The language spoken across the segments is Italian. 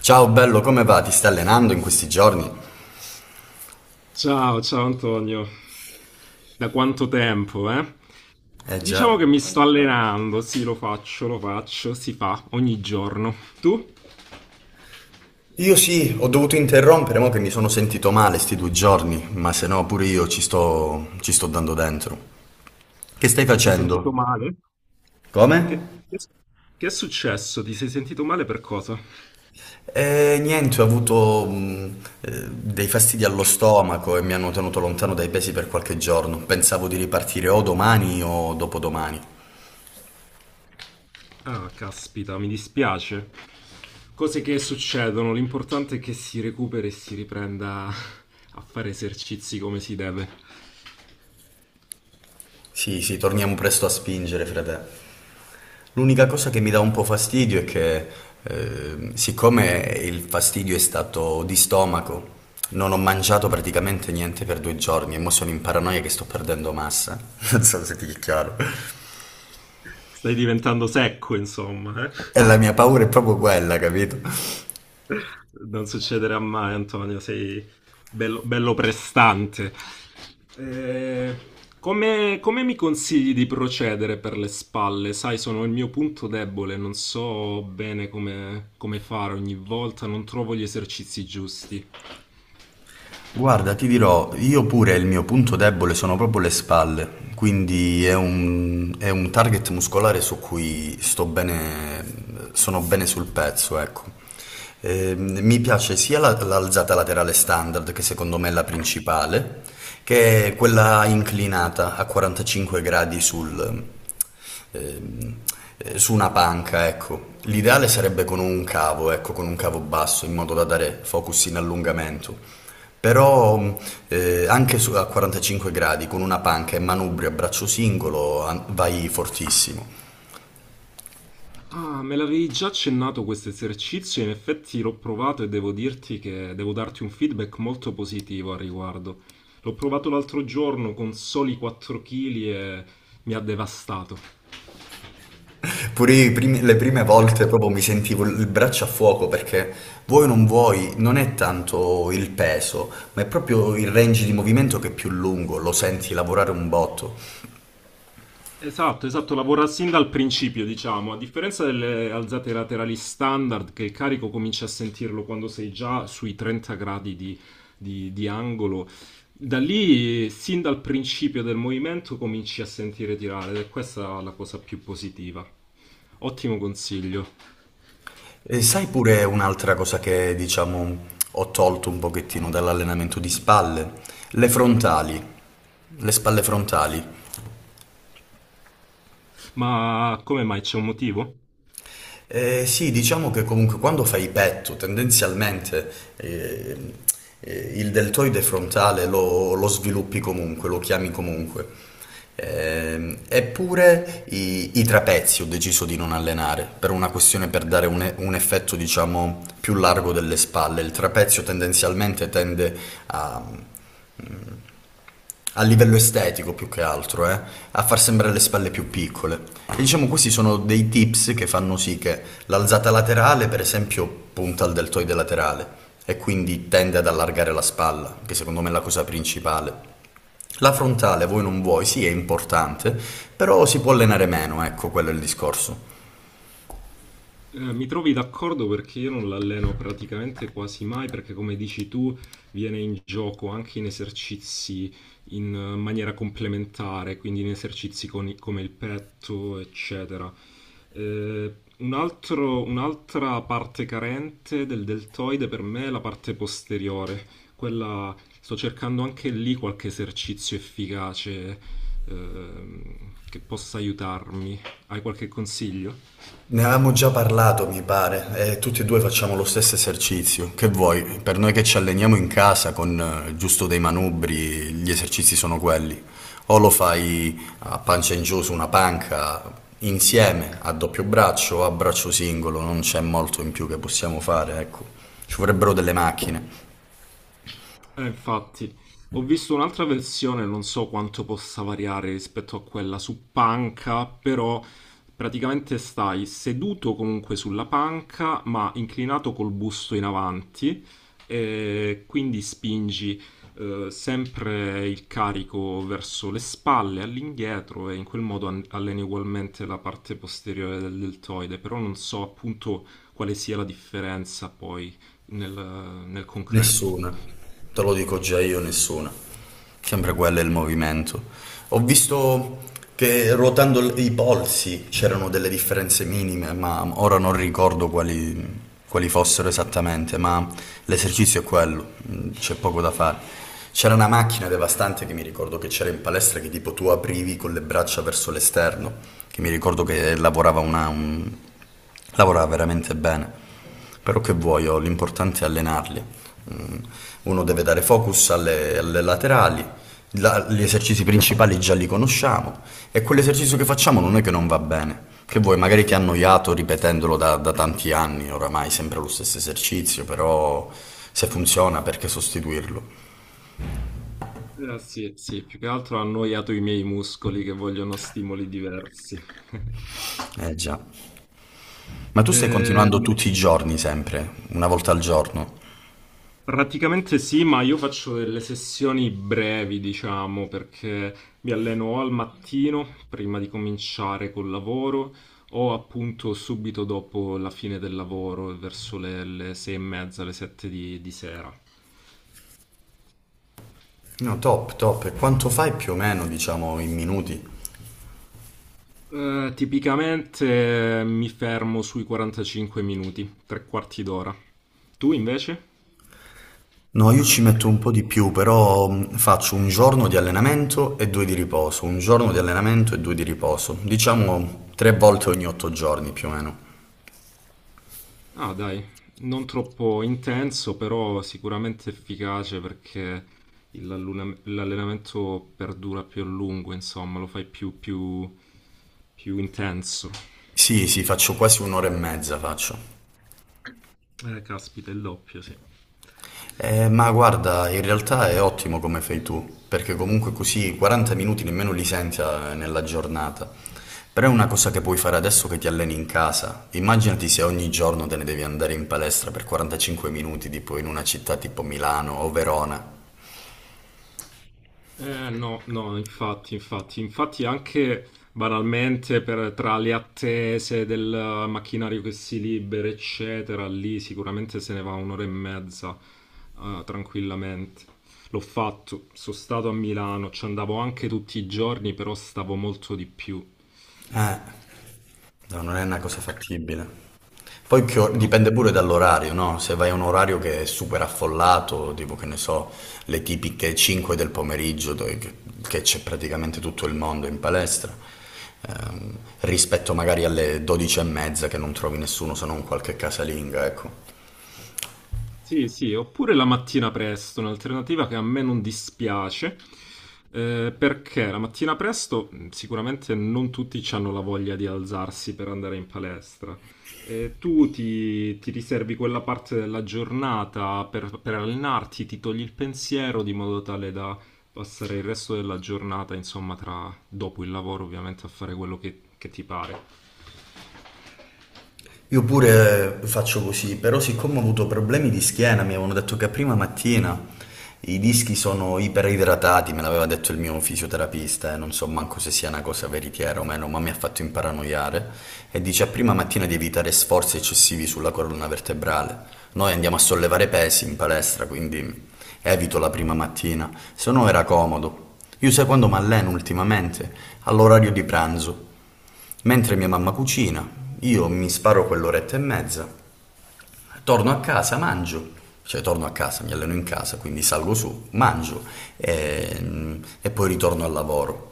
Ciao bello, come va? Ti stai allenando in questi giorni? Ciao, ciao Antonio, da quanto tempo, eh? Eh Diciamo già. che mi sto allenando, sì, lo faccio, si fa ogni giorno. Tu? Io sì, ho dovuto interrompere, mo che mi sono sentito male sti due giorni, ma se no pure io ci sto dando dentro. Che stai Ti sei sentito facendo? male? Come? Che, che- che è successo? Ti sei sentito male per cosa? Niente, ho avuto dei fastidi allo stomaco e mi hanno tenuto lontano dai pesi per qualche giorno. Pensavo di ripartire o domani o dopodomani. Ah, caspita, mi dispiace. Cose che succedono, l'importante è che si recuperi e si riprenda a fare esercizi come si deve. Sì, sì, torniamo presto a spingere, frate. L'unica cosa che mi dà un po' fastidio è che siccome il fastidio è stato di stomaco, non ho mangiato praticamente niente per due giorni e mo sono in paranoia che sto perdendo massa. Non so se ti è chiaro. Stai diventando secco, insomma, eh? E la mia paura è proprio quella, capito? Non succederà mai, Antonio, sei bello, bello prestante. Eh, come mi consigli di procedere per le spalle? Sai, sono il mio punto debole, non so bene come, come fare ogni volta, non trovo gli esercizi giusti. Guarda, ti dirò, io pure il mio punto debole sono proprio le spalle, quindi è un target muscolare su cui sto bene, sono bene sul pezzo, ecco. Mi piace sia l'alzata laterale standard, che secondo me è la principale, che quella inclinata a 45 gradi ehm, su una panca, ecco. L'ideale sarebbe con un cavo, ecco, con un cavo basso, in modo da dare focus in allungamento. Però anche a 45 gradi, con una panca e manubrio a braccio singolo, vai fortissimo. Ah, me l'avevi già accennato questo esercizio, in effetti l'ho provato e devo dirti che devo darti un feedback molto positivo al riguardo. L'ho provato l'altro giorno con soli 4 kg e mi ha devastato. Pure le prime volte proprio mi sentivo il braccio a fuoco perché vuoi o non vuoi, non è tanto il peso, ma è proprio il range di movimento che è più lungo, lo senti lavorare un botto. Esatto, esatto, lavora sin dal principio, diciamo, a differenza delle alzate laterali standard, che il carico cominci a sentirlo quando sei già sui 30 gradi di angolo, da lì, sin dal principio del movimento, cominci a sentire tirare, ed è questa la cosa più positiva. Ottimo consiglio, E sai pure un'altra cosa che, diciamo, ho tolto un pochettino dall'allenamento di spalle? Le frontali, le spalle frontali. ma come mai c'è un motivo? Sì, diciamo che comunque quando fai petto, tendenzialmente eh, il deltoide frontale lo sviluppi comunque, lo chiami comunque. Eppure i trapezi ho deciso di non allenare per una questione per dare un effetto, diciamo, più largo delle spalle. Il trapezio tendenzialmente tende a a livello estetico più che altro, a far sembrare le spalle più piccole. E diciamo questi sono dei tips che fanno sì che l'alzata laterale, per esempio, punta al deltoide laterale e quindi tende ad allargare la spalla, che secondo me è la cosa principale. La frontale, voi non vuoi, sì, è importante, però si può allenare meno, ecco, quello è il discorso. Mi trovi d'accordo perché io non l'alleno praticamente quasi mai, perché come dici tu, viene in gioco anche in esercizi in maniera complementare, quindi in esercizi come il petto, eccetera. Eh, un'altra parte carente del deltoide per me è la parte posteriore. Quella, sto cercando anche lì qualche esercizio efficace, ehm, che possa aiutarmi. Hai qualche consiglio? Ne avevamo già parlato, mi pare, e tutti e due facciamo lo stesso esercizio. Che vuoi? Per noi che ci alleniamo in casa con giusto dei manubri, gli esercizi sono quelli. O lo fai a pancia in giù su una panca insieme, a doppio braccio o a braccio singolo, non c'è molto in più che possiamo fare, ecco. Ci vorrebbero delle macchine. Infatti, ho visto un'altra versione, non so quanto possa variare rispetto a quella su panca, però praticamente stai seduto comunque sulla panca, ma inclinato col busto in avanti, e quindi spingi sempre il carico verso le spalle, all'indietro, e in quel modo alleni ugualmente la parte posteriore del deltoide, però non so appunto quale sia la differenza poi nel nel concreto. Nessuna, te lo dico già io, nessuna. Sempre quello è il movimento. Ho visto che ruotando i polsi c'erano delle differenze minime, ma ora non ricordo quali, quali fossero esattamente, ma l'esercizio è quello, mm, c'è poco da fare. C'era una macchina devastante che mi ricordo che c'era in palestra che tipo tu aprivi con le braccia verso l'esterno, che mi ricordo che lavorava lavorava veramente bene, però che vuoi, oh, l'importante è allenarli. Mm, uno deve dare focus alle laterali, gli esercizi principali già li conosciamo e quell'esercizio che facciamo non è che non va bene. Che vuoi, magari ti ha annoiato ripetendolo da tanti anni, oramai sempre lo stesso esercizio, però se funziona perché sostituirlo? Sì, sì, più che altro ha annoiato i miei muscoli che vogliono stimoli diversi. Eh già. Ma tu stai continuando Ehm, tutti i giorni sempre, una volta al giorno? praticamente sì, ma io faccio delle sessioni brevi, diciamo, perché mi alleno o al mattino, prima di cominciare col lavoro, o appunto subito dopo la fine del lavoro, verso le sei e mezza, le sette di sera. No, top, top. E quanto fai più o meno, diciamo, in minuti? Tipicamente mi fermo sui 45 minuti, tre quarti d'ora. Tu invece? No, io ci metto un po' di più, però faccio un giorno di allenamento e due di riposo, un giorno di allenamento e due di riposo, diciamo tre volte ogni otto giorni più o meno. Ah, dai, non troppo intenso, però sicuramente efficace perché l'allenamento perdura più a lungo, insomma, lo fai più intenso. Sì, sì, faccio quasi un'ora e mezza faccio. Caspita, il doppio, sì. Ma guarda, in realtà è ottimo come fai tu, perché comunque così 40 minuti nemmeno li senti nella giornata. Però è una cosa che puoi fare adesso che ti alleni in casa. Immaginati se ogni giorno te ne devi andare in palestra per 45 minuti, tipo in una città tipo Milano o Verona. No, no, infatti, infatti, infatti anche banalmente tra le attese del macchinario che si libera, eccetera, lì sicuramente se ne va un'ora e mezza, tranquillamente. L'ho fatto, sono stato a Milano, ci andavo anche tutti i giorni, però stavo molto di più. Eh, No, non è una cosa fattibile. Poi che No. dipende pure dall'orario, no? Se vai a un orario che è super affollato, tipo che ne so, le tipiche 5 del pomeriggio, dove, che c'è praticamente tutto il mondo in palestra, rispetto magari alle 12 e mezza che non trovi nessuno se non qualche casalinga, ecco. Sì, sì, oppure la mattina presto, un'alternativa che a me non dispiace, perché la mattina presto sicuramente non tutti hanno la voglia di alzarsi per andare in palestra. Ti riservi quella parte della giornata per allenarti, ti togli il pensiero di modo tale da passare il resto della giornata, insomma, tra, dopo il lavoro ovviamente, a fare quello che ti pare. Io pure faccio così, però siccome ho avuto problemi di schiena, mi avevano detto che prima mattina i dischi sono iperidratati, me l'aveva detto il mio fisioterapista, e non so manco se sia una cosa veritiera o meno, ma mi ha fatto imparanoiare, e dice a prima mattina di evitare sforzi eccessivi sulla colonna vertebrale. Noi andiamo a sollevare pesi in palestra, quindi evito la prima mattina, se no era comodo. Io sai quando mi alleno ultimamente? All'orario di pranzo. Mentre mia mamma cucina, io mi sparo quell'oretta e mezza, torno a casa, mangio, cioè torno a casa, mi alleno in casa, quindi salgo su, mangio e poi ritorno al lavoro.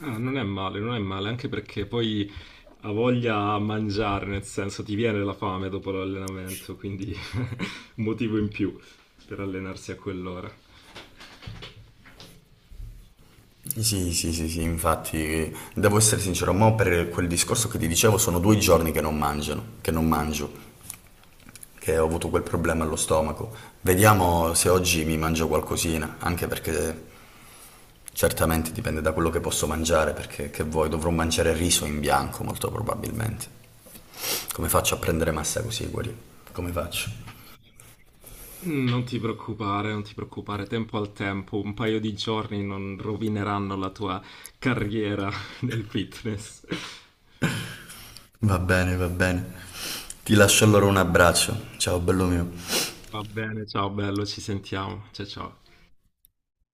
Ah, non è male, non è male, anche perché poi ha voglia a mangiare, nel senso ti viene la fame dopo l'allenamento, quindi un motivo in più per allenarsi a quell'ora. Sì, sì, sì, sì, infatti, devo essere sincero, ma per quel discorso che ti dicevo sono due giorni che non mangio, che ho avuto quel problema allo stomaco. Vediamo se oggi mi mangio qualcosina, anche perché certamente dipende da quello che posso mangiare, perché che vuoi, dovrò mangiare riso in bianco molto probabilmente. Come faccio a prendere massa così, Guarì? Come faccio? Mm, non ti preoccupare, non ti preoccupare, tempo al tempo, un paio di giorni non rovineranno la tua carriera nel fitness. Va bene, va bene. Ti lascio allora un abbraccio. Ciao, bello mio. Va bene, ciao bello, ci sentiamo. Ciao ciao.